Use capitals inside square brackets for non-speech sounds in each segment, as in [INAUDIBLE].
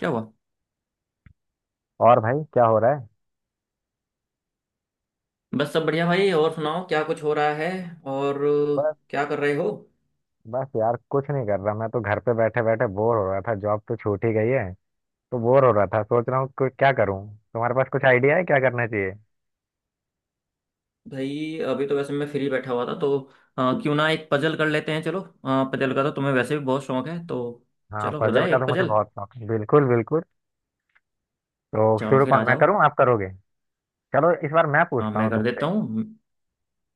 क्या हुआ? और भाई क्या हो रहा है? बस सब बढ़िया भाई। और सुनाओ क्या कुछ हो रहा है? और बस। क्या कर रहे हो? बस यार, कुछ नहीं कर रहा, मैं तो घर पे बैठे बैठे बोर हो रहा था। जॉब तो छूट ही गई है, तो बोर हो रहा था, सोच रहा हूँ कुछ क्या करूँ। तुम्हारे पास कुछ आइडिया है क्या करना चाहिए? भाई अभी तो वैसे मैं फ्री बैठा हुआ था, तो क्यों ना एक पजल कर लेते हैं। चलो। पजल का तो तुम्हें वैसे भी बहुत शौक है तो। हाँ, चलो हो पजल जाए का एक तो मुझे पजल। बहुत शौक है, बिल्कुल बिल्कुल। तो चलो शुरू फिर आ कौन, मैं जाओ। करूँ आप करोगे? चलो इस बार मैं हाँ, पूछता मैं हूँ कर तुमसे। देता हूँ।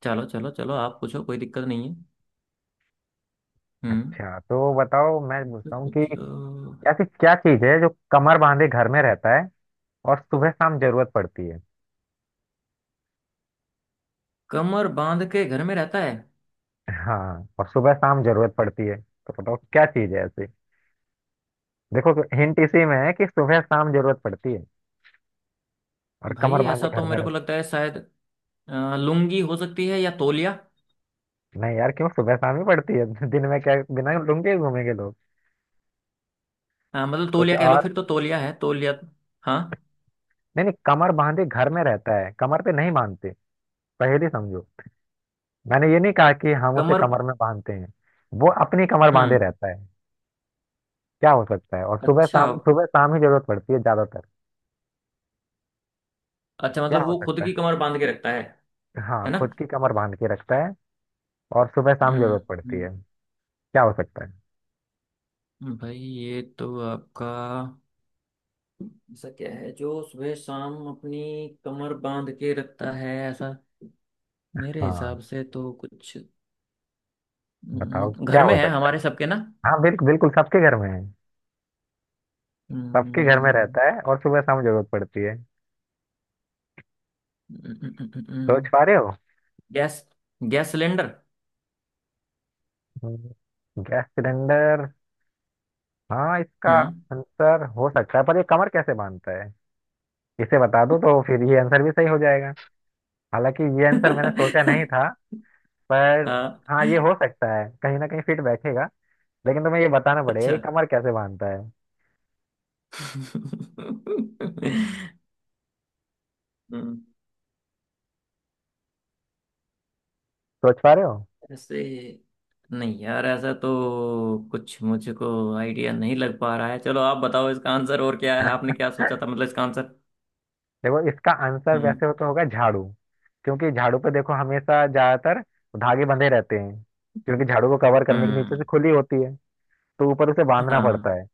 चलो चलो चलो, आप पूछो, कोई दिक्कत नहीं है। हम्म। अच्छा तो बताओ, मैं तो पूछता हूँ कि कुछ ऐसी क्या चीज़ है जो कमर बांधे घर में रहता है और सुबह शाम जरूरत पड़ती है। कमर बांध के घर में रहता है। हाँ, और सुबह शाम जरूरत पड़ती है, तो बताओ क्या चीज़ है ऐसी। देखो, हिंट इसी में है कि सुबह शाम जरूरत पड़ती है और भाई कमर बांधे ऐसा तो घर में मेरे को रहते। लगता है शायद। लुंगी हो सकती है या तौलिया। नहीं यार, क्यों सुबह शाम ही पड़ती है [LAUGHS] दिन में क्या बिना लुंगे ही घूमेंगे लोग। मतलब कुछ तौलिया कह लो और? फिर। तो तौलिया है तौलिया। हाँ। नहीं नहीं, कमर बांधे घर में रहता है, कमर पे नहीं बांधते। पहेली समझो। मैंने ये नहीं कहा कि हम उसे कमर। कमर में बांधते हैं, वो अपनी कमर बांधे हम्म। रहता है। क्या हो सकता है? और सुबह अच्छा। शाम, सुबह शाम ही जरूरत पड़ती है ज्यादातर। अच्छा, क्या मतलब हो वो खुद सकता की है? कमर बांध के रखता है। हाँ, है ना? खुद की कमर बांध के रखता है और सुबह शाम हम्म। जरूरत पड़ती हम्म, है। क्या हो सकता है? भाई ये तो आपका। ऐसा क्या है जो सुबह शाम अपनी कमर बांध के रखता है ऐसा? मेरे हाँ, हिसाब से तो कुछ। बताओ क्या घर में हो है सकता हमारे सबके ना। है। हाँ बिल्कुल बिल्कुल, सबके घर में है। सबके घर में हम्म, रहता है और सुबह शाम जरूरत पड़ती है। सोच पा रहे हो? Gas, gas cylinder. हम्म। Gas cylinder. हाँ, इसका हम्म। आंसर हो सकता है, पर ये कमर कैसे बांधता है? इसे बता दो तो फिर ये आंसर भी सही हो जाएगा। हालांकि ये आंसर मैंने सोचा नहीं था, [LAUGHS] पर हाँ। हाँ, ये हो सकता है, कहीं ना कहीं फिट बैठेगा। लेकिन तुम्हें ये बताना पड़ेगा अच्छा। कि कमर कैसे बांधता है। [LAUGHS] हम्म। सोच पा रहे हो? ऐसे। नहीं यार, ऐसा तो कुछ मुझको आइडिया नहीं लग पा रहा है। चलो आप बताओ इसका आंसर और क्या है, आपने क्या सोचा था मतलब इसका आंसर। देखो, इसका आंसर हम्म। वैसे हो तो होगा झाड़ू। क्योंकि झाड़ू पे देखो, हमेशा ज्यादातर धागे बंधे रहते हैं, क्योंकि झाड़ू को कवर करने के नीचे से हम्म। खुली होती है, तो ऊपर उसे बांधना पड़ता हाँ, है।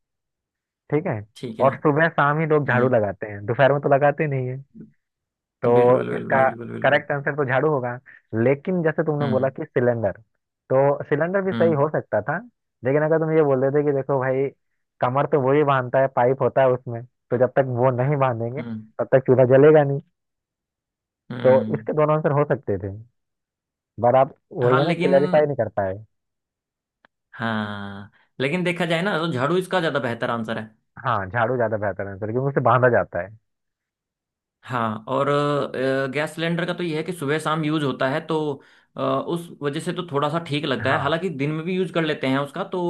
ठीक है। ठीक है। और सुबह शाम ही लोग झाड़ू हम्म। लगाते हैं, दोपहर में तो लगाते नहीं है। बिल्कुल तो बिल्कुल इसका बिल्कुल बिल्कुल। करेक्ट आंसर तो झाड़ू होगा। लेकिन जैसे तुमने बोला हम्म, कि सिलेंडर, तो सिलेंडर भी सही हम्म, हो सकता था। लेकिन अगर तुम ये बोल देते कि देखो भाई, कमर तो वही बांधता है, पाइप होता है उसमें, तो जब तक वो नहीं बांधेंगे हम्म, तब तक चूल्हा जलेगा नहीं। तो हम्म। इसके दोनों आंसर हो सकते थे, पर आप वही हाँ है ना, लेकिन। क्लैरिफाई नहीं कर पाए। हाँ, लेकिन देखा जाए ना तो झाड़ू इसका ज्यादा बेहतर आंसर है। हाँ, झाड़ू ज्यादा बेहतर आंसर क्योंकि उसे बांधा जाता है। हाँ, और गैस सिलेंडर का तो ये है कि सुबह शाम यूज होता है तो। उस वजह से तो थोड़ा सा ठीक लगता है, हाँ हालांकि दिन में भी यूज कर लेते हैं उसका, तो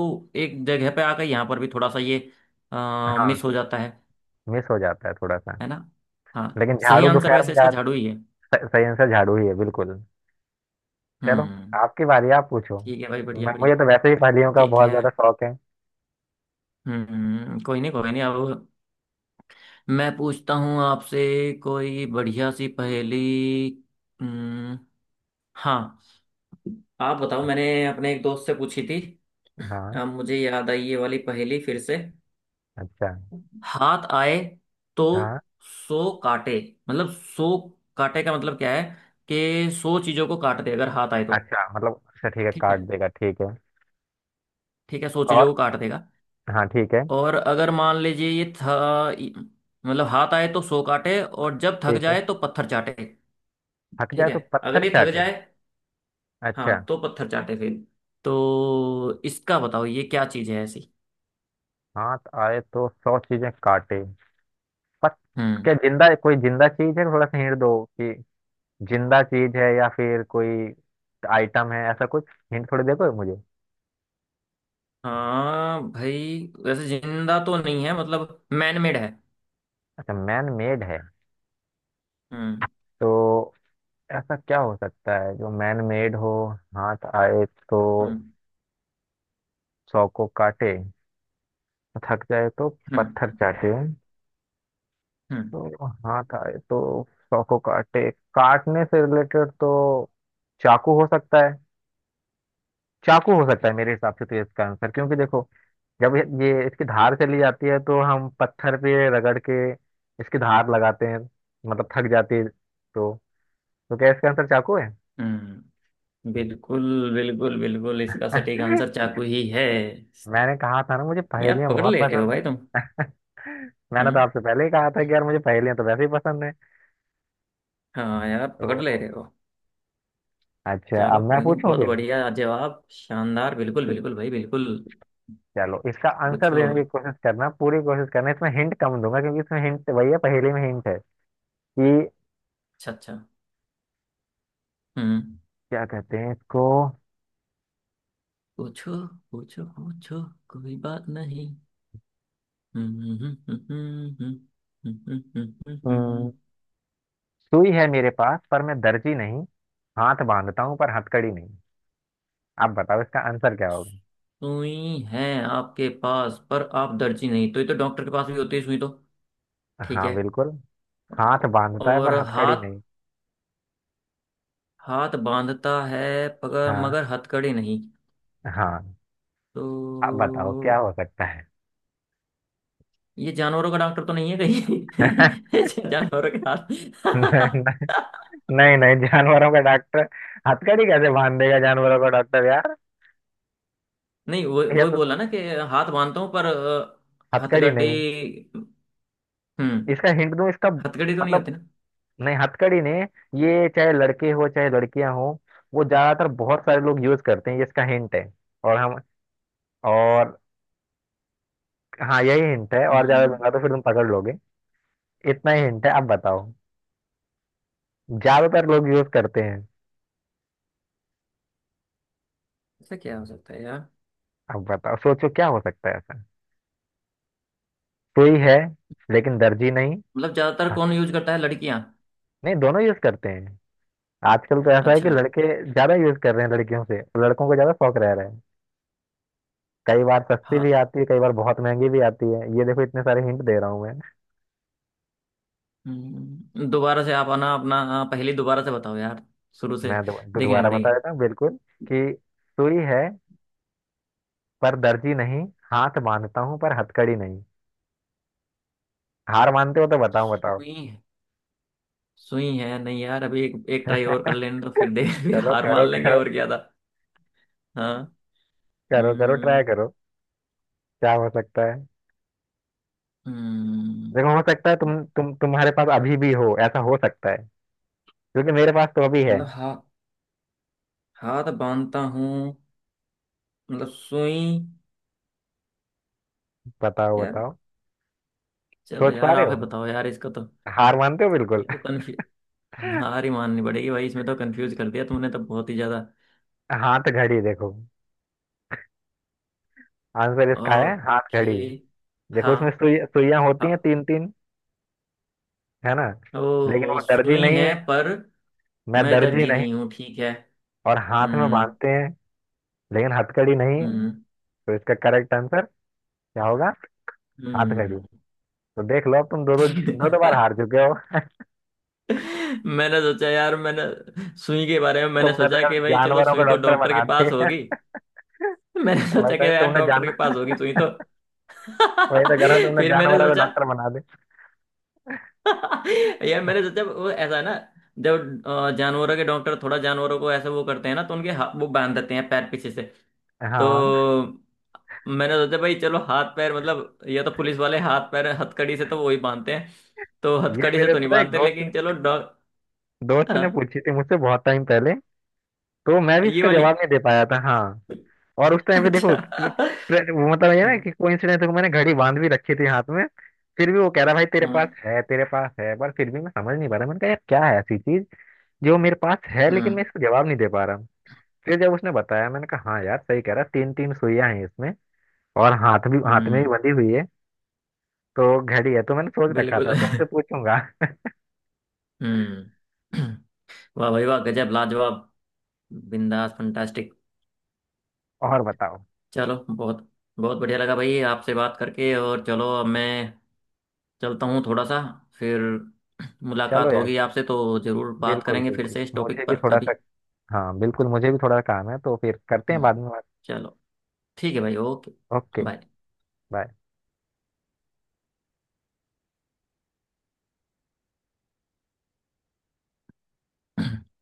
एक जगह पे आकर यहाँ पर भी थोड़ा सा ये हाँ, मिस हो जाता है। मिस हो जाता है थोड़ा सा। है ना? हाँ। लेकिन सही झाड़ू आंसर दोपहर में वैसे इसका जा। झाड़ू ही है। सही आंसर झाड़ू ही है, बिल्कुल। चलो, हम्म। आपकी बारी, आप पूछो। ठीक है भाई, बढ़िया मैं बढ़िया। मुझे तो वैसे ही पहेलियों का ठीक बहुत है। ज्यादा शौक है। हम्म। कोई नहीं, कोई नहीं, अब मैं पूछता हूँ आपसे कोई बढ़िया सी पहेली। हम्म। हाँ। आप बताओ, मैंने अपने एक दोस्त से पूछी थी। हाँ। अब मुझे याद आई ये वाली पहेली फिर से। अच्छा। हाथ आए तो हाँ। सो काटे। मतलब सो, काटे का मतलब क्या है कि सौ चीजों को काट दे अगर हाथ आए तो। अच्छा मतलब, अच्छा ठीक है, ठीक काट है। देगा ठीक है। ठीक है, सौ और, चीजों को काट देगा। हाँ ठीक है। और अगर मान लीजिए ये था, मतलब हाथ आए तो सो काटे, और जब थक ठीक है, जाए तो पत्थर चाटे। थक ठीक जाए है। तो पत्थर अगर ये थक चाटे। जाए, अच्छा, हाँ, तो पत्थर चाटे फिर। तो इसका बताओ ये क्या चीज है ऐसी? हाथ आए तो 100 चीजें काटे। पत हम्म। क्या, जिंदा, कोई जिंदा चीज है? थोड़ा सा हिंट दो कि जिंदा चीज है या फिर कोई आइटम है ऐसा कुछ। हिंट थोड़ी देखो मुझे। हाँ भाई, वैसे जिंदा तो नहीं है, मतलब मैनमेड है। अच्छा, मैन मेड है। हम्म, तो ऐसा क्या हो सकता है जो मैन मेड हो? हाथ आए तो हम्म, 100 को काटे, थक जाए तो पत्थर हम्म, चाटे। हम्म, तो हाथ आए तो 100 को काटे, काटने से रिलेटेड तो चाकू हो सकता है। चाकू हो सकता है मेरे हिसाब से, तो ये इसका आंसर क्योंकि देखो, जब ये इसकी धार चली जाती है तो हम पत्थर पे रगड़ के इसकी धार लगाते हैं, मतलब थक जाती है। तो तो क्या इसका आंसर चाकू है? हम्म। बिल्कुल बिल्कुल बिल्कुल, इसका सटीक आंसर [LAUGHS] चाकू ही है। मैंने कहा था ना, मुझे यार पहेलियां पकड़ बहुत ले रहे हो पसंद है। भाई तुम। मैंने तो हम्म। आपसे पहले ही कहा था कि यार, मुझे पहेलियां तो वैसे ही पसंद है। हाँ यार पकड़ ले तो रहे हो। अच्छा, चलो अब मैं कोई नहीं, पूछूं बहुत फिर। बढ़िया जवाब, शानदार, बिल्कुल बिल्कुल भाई, बिल्कुल। चलो, इसका आंसर पूछो। देने की कोशिश करना, पूरी कोशिश करना, इसमें हिंट कम दूंगा क्योंकि इसमें हिंट वही है, पहेली में हिंट है कि अच्छा अच्छा। हम्म। क्या कहते हैं इसको। पूछो पूछो। पूछो। कोई बात नहीं। हम्म, हम्म, हम्म, हम्म, हम्म, हम्म, अम, सुई है मेरे पास पर मैं दर्जी नहीं। हाथ बांधता हूँ पर हथकड़ी नहीं। आप बताओ इसका आंसर क्या होगा? सुई है आपके पास, पर आप दर्जी नहीं, तो ये तो डॉक्टर के पास भी होती है सुई तो। ठीक हाँ है। बिल्कुल, हाथ बांधता है और पर हथकड़ी हाथ। नहीं। हाथ बांधता है पगर हाँ। मगर हथकड़ी नहीं। हाँ, तो आप बताओ क्या हो सकता है? ये जानवरों का डॉक्टर तो नहीं है [LAUGHS] कहीं? [LAUGHS] जानवरों के हाथ नहीं। [LAUGHS] नहीं नहीं, जानवरों का डॉक्टर हथकड़ी कैसे बांध देगा, जानवरों का डॉक्टर यार। नहीं, वो ये वही तो बोला तो ना कि हाथ बांधता हूँ पर हथकड़ी हथकड़ी। नहीं। हम्म। इसका हिंट दूं, इसका हथकड़ी तो नहीं मतलब। होती ना। नहीं, हथकड़ी नहीं। ये चाहे लड़के हो चाहे लड़कियां हो, वो ज्यादातर बहुत सारे लोग यूज करते हैं, ये इसका हिंट है। और हम और हाँ, यही हिंट है, और ज्यादा हम्म। दूंगा तो फिर तुम पकड़ लोगे। इतना ही हिंट है, अब बताओ। ज्यादातर लोग यूज करते हैं। ऐसा क्या हो सकता है यार? अब बताओ, सोचो क्या हो सकता है ऐसा। सुई है लेकिन दर्जी नहीं। मतलब ज्यादातर हाँ, कौन यूज करता है, लड़कियां? नहीं, दोनों यूज करते हैं। आजकल तो ऐसा है कि अच्छा। लड़के ज्यादा यूज कर रहे हैं, लड़कियों से लड़कों को ज्यादा शौक रह रहे हैं। कई बार सस्ती भी हा- आती है, कई बार बहुत महंगी भी आती है, ये देखो, इतने सारे हिंट दे रहा हूँ मैं। दोबारा से आप आना अपना, हाँ, पहले दोबारा से बताओ यार। शुरू से। मैं दो- दो- देखने दोबारा बता पड़ेंगे। देता हूँ बिल्कुल कि सुई है पर दर्जी नहीं, हाथ बांधता हूँ पर हथकड़ी नहीं। हार मानते हो तो बताओ बताओ। सुई है। सुई है नहीं यार, अभी एक ट्राई और कर लेने, तो फिर देख [LAUGHS] फिर चलो हार करो मान लेंगे, करो। और क्या था। हाँ। करो करो, ट्राई हम्म। करो। क्या हो सकता है? हम्म, देखो, हो सकता है तुम्हारे पास अभी भी हो, ऐसा हो सकता है क्योंकि मेरे पास तो अभी है। मतलब हाथ बांधता हूँ, मतलब सुई। बताओ यार। बताओ। चलो सोच पा यार, रहे आप हो? ही बताओ यार, इसका तो। हार मानते हो, बिल्कुल। ये तो कन्फ्यूज। हार ही माननी पड़ेगी भाई, इसमें तो कंफ्यूज कर दिया तुमने तो बहुत ही ज्यादा। हाथ घड़ी। देखो, आंसर इसका है हाथ ओके। घड़ी। देखो, उसमें हाँ, सुई, सुइयां होती हैं हाँ। तीन तीन। है ना। लेकिन ओ, वो दर्जी सुई नहीं है है, पर। मैं मैं दर्जी दर्जी नहीं। नहीं हूँ, ठीक है। और हाथ में हम्म, बांधते हैं, लेकिन हथकड़ी नहीं है। हम्म, तो इसका करेक्ट आंसर क्या होगा? हाथ घड़ी। हम्म। तो देख लो, अब तुम दो दो दो दो बार हार चुके हो। [LAUGHS] मैंने सोचा यार, मैंने सुई के बारे में मैंने तुमने तो सोचा यार कि भाई चलो जानवरों को सुई तो डॉक्टर डॉक्टर के बना पास दिया। होगी। [LAUGHS] मैंने [LAUGHS] वही सोचा कि तो यार तुमने डॉक्टर जान के पास होगी सुई तो। वही तो करा [LAUGHS] तुमने, फिर मैंने जानवरों को सोचा। डॉक्टर बना दे। [LAUGHS] यार मैंने सोचा, वो ऐसा है ना, जब जानवरों के डॉक्टर थोड़ा जानवरों को ऐसे वो करते हैं ना, तो उनके वो बांध देते हैं पैर पीछे से। तो हाँ, मैंने सोचा भाई चलो हाथ पैर मतलब, या तो पुलिस वाले हाथ पैर हथकड़ी से तो वही बांधते हैं। तो ये हथकड़ी से मेरे तो नहीं पता है, एक बांधते दोस्त लेकिन चलो डॉग। दोस्त हाँ, ने पूछी थी मुझसे बहुत टाइम पहले, तो मैं भी ये इसका वाली। जवाब नहीं दे पाया था। हाँ। और उस टाइम पे देखो, अच्छा। वो मतलब ये ना हम्म, कि कोइंसिडेंस को मैंने घड़ी बांध भी रखी थी हाथ में। फिर भी वो कह रहा, भाई तेरे पास हम्म, है, तेरे पास है, पर फिर भी मैं समझ नहीं पा रहा। मैंने कहा यार, क्या है ऐसी चीज जो मेरे पास है लेकिन मैं हम्म, इसको जवाब नहीं दे पा रहा हूँ। फिर जब उसने बताया, मैंने कहा हाँ यार, सही कह रहा, तीन तीन सुइयां हैं इसमें, और हाथ भी, हाथ में भी हम्म। बंधी हुई है, तो घड़ी है। तो मैंने सोच रखा बिल्कुल। था तुमसे पूछूंगा। हम्म। वाह भाई वाह, गजब, लाजवाब। बिंदास फंटास्टिक। [LAUGHS] और बताओ। चलो बहुत। बहुत बढ़िया लगा भाई आपसे बात करके, और चलो अब मैं चलता हूँ थोड़ा सा। फिर चलो मुलाकात यार, होगी आपसे तो जरूर बात बिल्कुल करेंगे फिर बिल्कुल, से इस मुझे टॉपिक भी पर थोड़ा सा। कभी। हाँ बिल्कुल, मुझे भी थोड़ा काम है, तो फिर करते हैं बाद हम्म। में बात। चलो। ठीक है भाई, ओके। ओके। बाय। बाय। [CLEARS THROAT]